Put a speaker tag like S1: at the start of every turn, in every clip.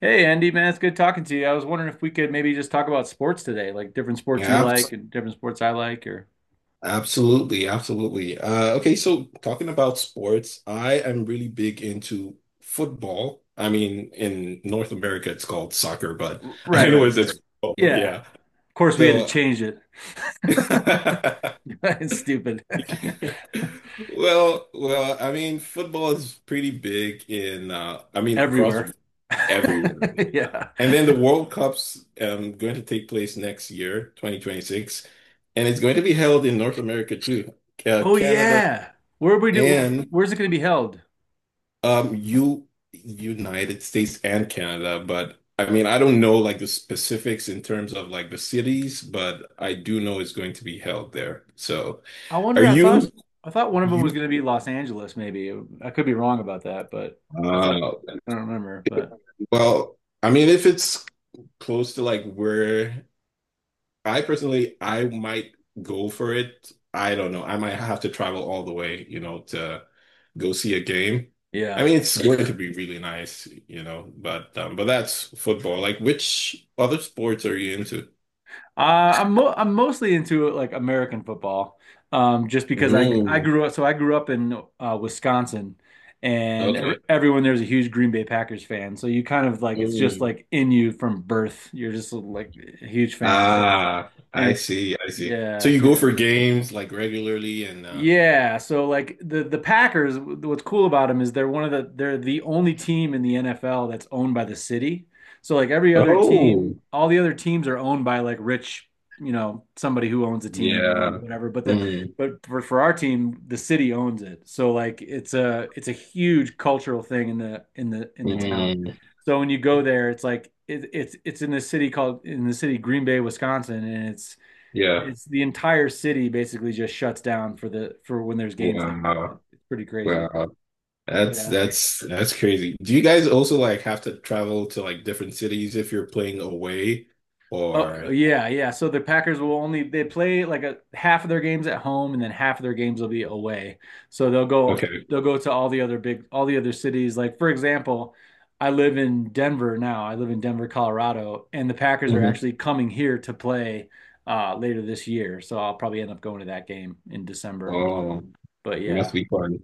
S1: Hey Andy, man, it's good talking to you. I was wondering if we could maybe just talk about sports today, like different sports you
S2: Yeah,
S1: like
S2: abs-
S1: and different sports I like, or
S2: Absolutely, absolutely. Okay, so talking about sports, I am really big into football. I mean, in North America, it's called soccer, but
S1: right,
S2: I know
S1: right,
S2: it's,
S1: right,
S2: it's football.
S1: yeah.
S2: Yeah.
S1: Of course, we had to
S2: So,
S1: change it. It's stupid.
S2: well, I mean, football is pretty big in, I mean, across
S1: Everywhere.
S2: the everyone. Yeah.
S1: Yeah.
S2: And then the World Cup's going to take place next year, 2026, and it's going to be held in North America too,
S1: Oh
S2: Canada
S1: yeah. Where we do? Where,
S2: and
S1: where's it going to be held?
S2: U United States and Canada. But I mean, I don't know like the specifics in terms of like the cities, but I do know it's going to be held there. So,
S1: I
S2: are
S1: wonder.
S2: you
S1: I thought one of them was
S2: you?
S1: going to be Los Angeles. Maybe I could be wrong about that, but I thought
S2: Uh,
S1: I don't remember. But
S2: well, I mean, if it's close to like where I personally, I might go for it. I don't know. I might have to travel all the way, to go see a game. I
S1: yeah.
S2: mean, it's going to be really nice, but that's football. Like, which other sports are you into?
S1: Uh, I'm mo I'm mostly into like American football, just because I
S2: Mm,
S1: grew up. So I grew up in Wisconsin, and ev
S2: okay.
S1: everyone there's a huge Green Bay Packers fan. So you kind of like it's just
S2: Mm.
S1: like in you from birth. You're just like a huge fan. So
S2: Ah, I
S1: and
S2: see, I see. So
S1: yeah,
S2: you go
S1: so
S2: for games like regularly and uh
S1: yeah, so like the Packers, what's cool about them is they're one of the they're the only team in the NFL that's owned by the city. So like every other team,
S2: oh,
S1: all the other teams are owned by like rich, you know, somebody who owns a team and they
S2: yeah.
S1: whatever. But the
S2: Mm,
S1: but for our team, the city owns it. So like it's a huge cultural thing in the in the in the town.
S2: mm,
S1: So when you go there, it's like it, it's in the city called in the city Green Bay, Wisconsin, and
S2: yeah.
S1: it's the entire city basically just shuts down for the for when there's games there. It's
S2: Wow.
S1: pretty crazy.
S2: Wow. That's
S1: Yeah.
S2: that's that's crazy. Do you guys also like have to travel to like different cities if you're playing away
S1: Oh
S2: or
S1: yeah, yeah. So the Packers will only they play like a half of their games at home and then half of their games will be away. So
S2: okay.
S1: they'll go to all the other big all the other cities. Like for example, I live in Denver now. I live in Denver, Colorado, and the Packers are
S2: Hmm.
S1: actually coming here to play later this year. So I'll probably end up going to that game in December.
S2: Oh,
S1: But
S2: it must
S1: yeah,
S2: be fun.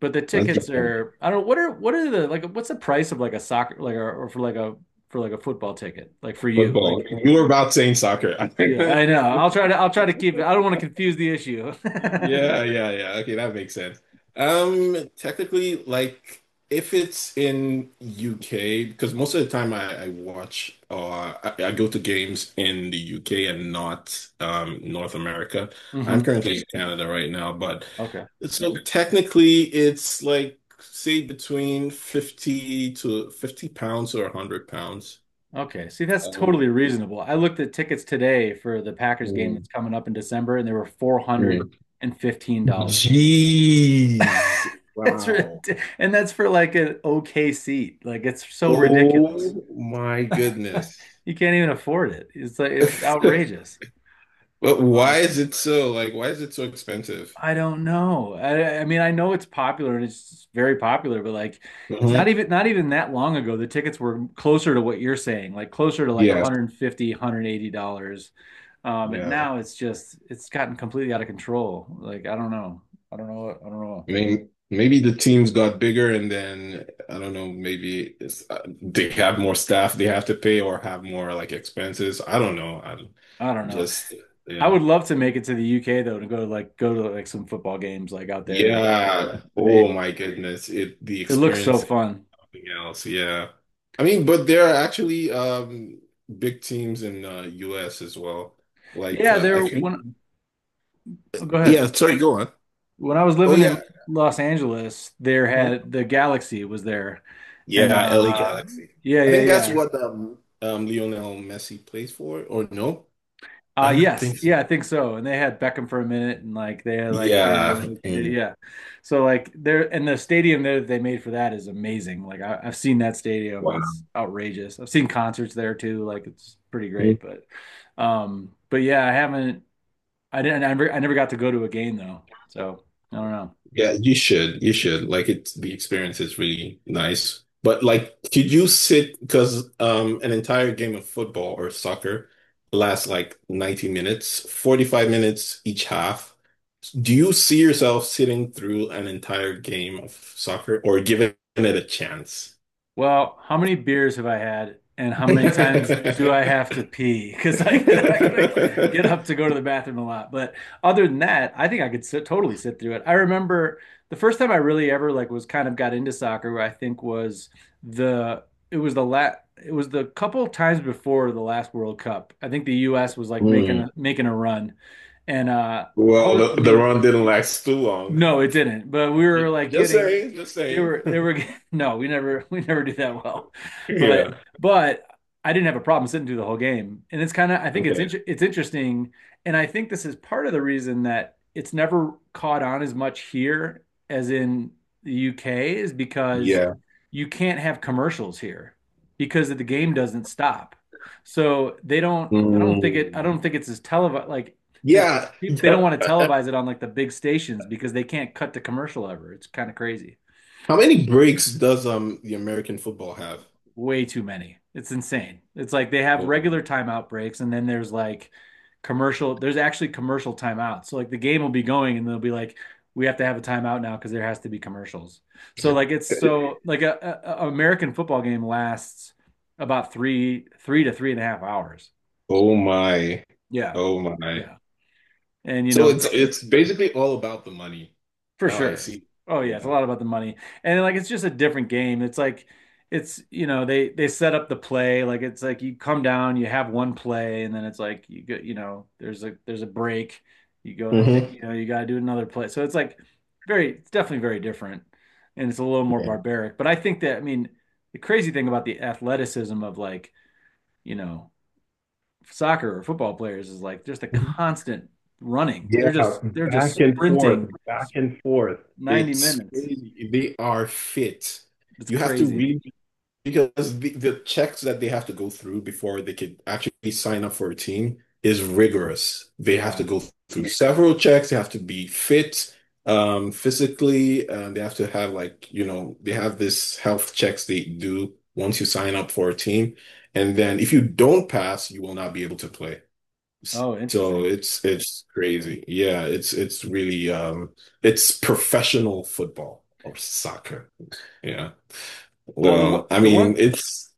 S1: but the
S2: That's
S1: tickets are I don't know what are the like what's the price of like a soccer like or for like a football ticket like for you
S2: football.
S1: like
S2: You were about saying soccer.
S1: yeah I know I'll try to keep it I don't want to confuse the issue.
S2: Yeah, yeah, yeah. Okay, that makes sense. Technically, like if it's in UK, because most of the time I watch or I go to games in the UK and not North America. I'm
S1: hmm.
S2: currently in Canada right now, but
S1: Okay.
S2: so technically it's like say between 50 to £50 or £100.
S1: Okay. See, that's
S2: Um,
S1: totally reasonable. I looked at tickets today for the Packers game
S2: mm,
S1: that's coming up in December, and they were four hundred
S2: mm.
S1: and fifteen dollars.
S2: Jeez.
S1: That's
S2: Wow.
S1: rid- and that's for like an okay seat. Like it's so ridiculous.
S2: Oh my goodness.
S1: You can't even afford it. It's like it's outrageous.
S2: But why
S1: Like,
S2: is it so like why is it so expensive?
S1: I don't know. I mean, I know it's popular and it's very popular, but like not
S2: Hmm.
S1: even not even that long ago, the tickets were closer to what you're saying, like closer to like one
S2: Yeah.
S1: hundred and fifty, $180. And
S2: Yeah.
S1: now it's just it's gotten completely out of control. Like I don't know. I don't know I don't know.
S2: I mean, maybe the teams got bigger and then I don't know, maybe it's, they have more staff they have to pay or have more like expenses. I don't know. I'm
S1: I don't know.
S2: just
S1: I
S2: yeah.
S1: would love to make it to the UK though to go to like some football games like out there. Like
S2: Yeah. Oh
S1: it,
S2: my goodness. It the
S1: it looks so
S2: experience
S1: fun.
S2: something else, yeah. I mean, but there are actually big teams in US as well. Like
S1: Yeah,
S2: I
S1: there
S2: think
S1: when oh, go ahead.
S2: yeah, sorry, go on.
S1: When I was
S2: Oh
S1: living in
S2: yeah.
S1: Los Angeles, there
S2: Uh-huh.
S1: had the Galaxy was there. And
S2: Yeah, LA Galaxy.
S1: yeah,
S2: I
S1: yeah,
S2: think that's
S1: yeah.
S2: what Lionel Messi plays for, or no? I don't
S1: Yes,
S2: think so.
S1: yeah, I think so. And they had Beckham for a minute and like they had like, you
S2: Yeah.
S1: know, like they-
S2: Mm.
S1: yeah. So like there and the stadium there that they made for that is amazing. I've seen that stadium. It's
S2: Wow.
S1: outrageous. I've seen concerts there too. Like it's pretty great, but yeah, I haven't I didn't I never got to go to a game though. So I don't know.
S2: Yeah, you should. You should. Like it. The experience is really nice. But like could you sit because an entire game of football or soccer lasts like 90 minutes, 45 minutes each half. Do you see yourself sitting through an entire game of soccer or giving it a chance?
S1: Well, how many beers have I had, and how many times do I have to pee? I gotta get up to go to the bathroom a lot. But other than that, I think I could sit, totally sit through it. I remember the first time I really ever like was kind of got into soccer, I think was the it was the la it was the couple times before the last World Cup. I think the U.S. was like making
S2: Hmm.
S1: a, making a run, and I
S2: Well,
S1: was I
S2: the
S1: mean
S2: run didn't last too long.
S1: no, it didn't. But we were like
S2: Just
S1: getting
S2: saying, just saying.
S1: they were get- no, we never we never do that well. But
S2: Yeah.
S1: but I didn't have a problem sitting through the whole game. And it's kind of I think
S2: Okay.
S1: it's interesting and I think this is part of the reason that it's never caught on as much here as in the UK is because
S2: Yeah.
S1: you can't have commercials here because the game doesn't stop. So they don't I
S2: Mm,
S1: don't think it's as televised like there's.
S2: yeah.
S1: They don't
S2: Uh,
S1: want to
S2: uh,
S1: televise it on like the big stations because they can't cut the commercial ever. It's kind of crazy.
S2: How many breaks does the American football have?
S1: Way too many. It's insane. It's like they have
S2: Oh my.
S1: regular timeout breaks and then there's like commercial, there's actually commercial timeouts. So like the game will be going and they'll be like, we have to have a timeout now because there has to be commercials. So like it's so like a American football game lasts about three, three to three and a half hours.
S2: Oh my.
S1: Yeah.
S2: Oh my.
S1: Yeah. And you
S2: So
S1: know, it's
S2: it's basically all about the money.
S1: for
S2: Now I
S1: sure.
S2: see.
S1: Oh yeah, it's a
S2: Yeah.
S1: lot about the money. And like it's just a different game. It's like it's you know, they set up the play like it's like you come down, you have one play and then it's like you go, you know, there's a break. You go to,
S2: Hmm.
S1: you know, you got to do another play. So it's like very it's definitely very different and it's a little more
S2: Yeah.
S1: barbaric. But I think that I mean, the crazy thing about the athleticism of like, you know, soccer or football players is like just a
S2: Mhm.
S1: constant running.
S2: Yeah,
S1: They're just
S2: back and forth,
S1: sprinting
S2: back and forth.
S1: 90
S2: It's
S1: minutes.
S2: crazy. They are fit.
S1: It's
S2: You have to
S1: crazy.
S2: really because the checks that they have to go through before they can actually sign up for a team is rigorous. They have to
S1: Yeah.
S2: go through several checks. They have to be fit, physically, and they have to have like, you know, they have this health checks they do once you sign up for a team. And then if you don't pass, you will not be able to play.
S1: Oh,
S2: So
S1: interesting.
S2: it's crazy. Yeah, it's really it's professional football or soccer. Yeah.
S1: Oh,
S2: Well, I
S1: the
S2: mean,
S1: one
S2: it's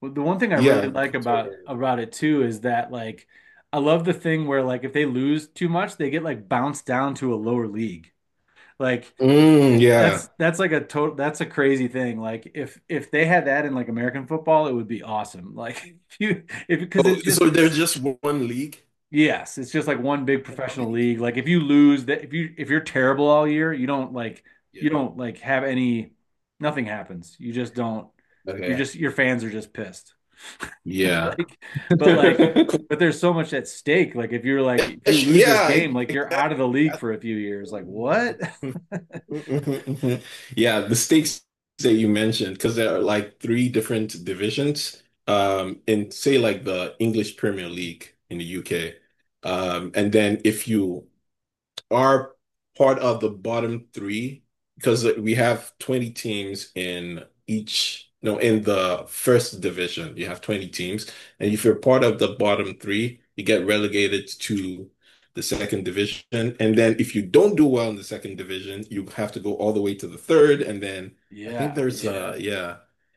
S1: well, the one thing I really
S2: yeah.
S1: like
S2: Sorry, David.
S1: about it too is that like I love the thing where like if they lose too much, they get like bounced down to a lower league. Like
S2: Mm, yeah.
S1: that's like a total that's a crazy thing. Like if they had that in like American football, it would be awesome. Like if you if because
S2: Oh,
S1: it just
S2: so there's just one league?
S1: yes, it's just like one big
S2: Then how
S1: professional
S2: many
S1: league. Like if
S2: teams?
S1: you lose that if you if you're terrible all year,
S2: Yeah.
S1: you don't like have any nothing happens. You just don't you're
S2: Okay.
S1: just your fans are just pissed.
S2: Yeah.
S1: Like like but there's so much at stake. Like if you're like if you lose this
S2: Yeah,
S1: game, like you're out
S2: exactly.
S1: of the league for a few years. Like what?
S2: Yeah, the stakes that you mentioned, because there are like three different divisions, in say like the English Premier League in the UK. And then if you are part of the bottom three because we have 20 teams in each, no, in the first division, you have 20 teams. And if you're part of the bottom three, you get relegated to the second division. And then if you don't do well in the second division, you have to go all the way to the third. And then I think
S1: Yeah.
S2: there's, yeah. Uh, yeah.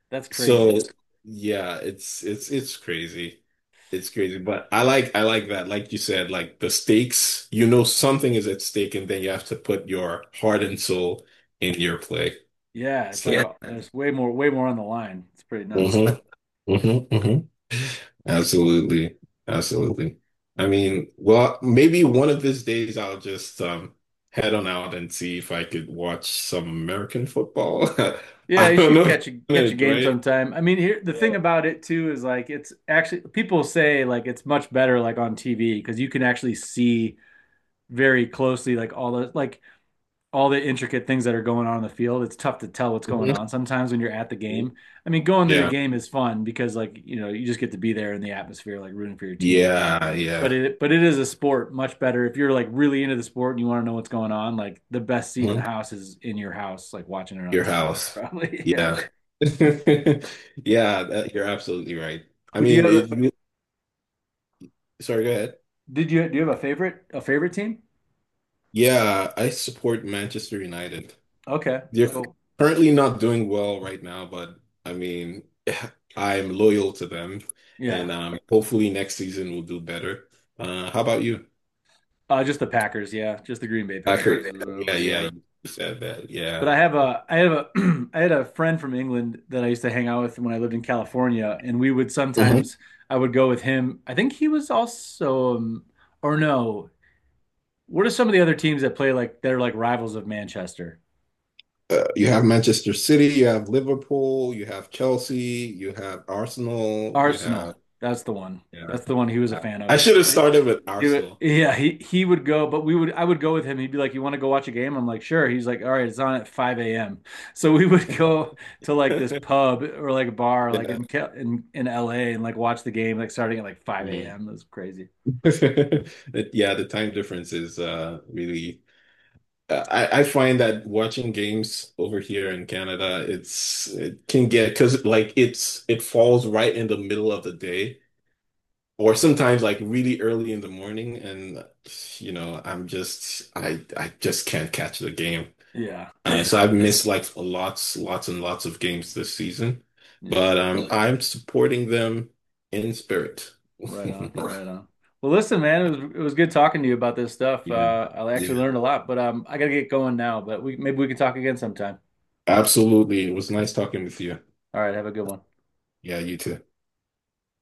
S1: That's
S2: So
S1: crazy.
S2: yeah, it's crazy. It's crazy, but I like that. Like you said, like the stakes, you know something is at stake and then you have to put your heart and soul in your play.
S1: Yeah, it's
S2: So,
S1: like
S2: yeah. So
S1: there's way more way more on the line. It's pretty nuts.
S2: mhm, mhm, mhm. Absolutely. Absolutely. I mean, well, maybe one of these days I'll just head on out and see if I could watch some American football.
S1: Yeah,
S2: I
S1: you
S2: don't
S1: should
S2: know if
S1: catch a
S2: I'm gonna
S1: catch a
S2: enjoy
S1: game
S2: it.
S1: sometime. I mean, here the
S2: Yeah.
S1: thing about it too is like it's actually people say like it's much better like on TV because you can actually see very closely like all the intricate things that are going on in the field. It's tough to tell what's going on
S2: Mhm.
S1: sometimes when you're at the game. I mean, going to the
S2: Yeah.
S1: game is fun because like, you know, you just get to be there in the atmosphere like rooting for your team.
S2: Yeah, yeah.
S1: But it is a sport much better if you're like really into the sport and you want to know what's going on, like the best seat in the
S2: Mhm.
S1: house is in your house like watching it on
S2: Your
S1: TV.
S2: house.
S1: Probably, yeah.
S2: Yeah. Yeah, that, you're absolutely right. I
S1: Who do you
S2: mean,
S1: have?
S2: it, sorry, go ahead.
S1: Did you do you have a favorite team?
S2: Yeah, I support Manchester United.
S1: Okay,
S2: They're
S1: cool.
S2: currently not doing well right now, but I mean, I'm loyal to them,
S1: Yeah.
S2: and hopefully next season we'll do better. How about you?
S1: Just the Packers, yeah. Just the Green Bay
S2: I
S1: Packers.
S2: heard. Yeah, yeah,
S1: Yeah.
S2: you said that.
S1: But
S2: Yeah.
S1: I have a I had a friend from England that I used to hang out with when I lived in California and we would sometimes I would go with him. I think he was also or no. What are some of the other teams that play like they're like rivals of Manchester?
S2: Uh, you have Manchester City, you have Liverpool, you have Chelsea, you have Arsenal, you have
S1: Arsenal. That's the one.
S2: yeah.
S1: That's the one he was a fan of.
S2: I should have
S1: But
S2: started with
S1: he would,
S2: Arsenal.
S1: yeah, he would go, but we would I would go with him. He'd be like, "You want to go watch a game?" I'm like, "Sure." He's like, "All right, it's on at 5 a.m." So we would go to like this pub or like a bar, like
S2: Yeah.
S1: in Ca- in LA, and like watch the game, like starting at like 5
S2: Mm.
S1: a.m. That's crazy.
S2: Yeah, the time difference is really I find that watching games over here in Canada, it's it can get because like it's it falls right in the middle of the day or sometimes like really early in the morning and you know I'm just I just can't catch the game.
S1: Yeah, it's a
S2: So I've
S1: lot.
S2: missed like lots, lots and lots of games this season,
S1: Yeah,
S2: but really? I'm supporting them in spirit. All
S1: right on,
S2: right.
S1: right on. Well, listen, man, it was good talking to you about this stuff.
S2: Yeah,
S1: I actually
S2: yeah,
S1: learned a lot, but I gotta get going now. But we maybe we can talk again sometime.
S2: absolutely. It was nice talking with you.
S1: All right, have a good one.
S2: Yeah, you too.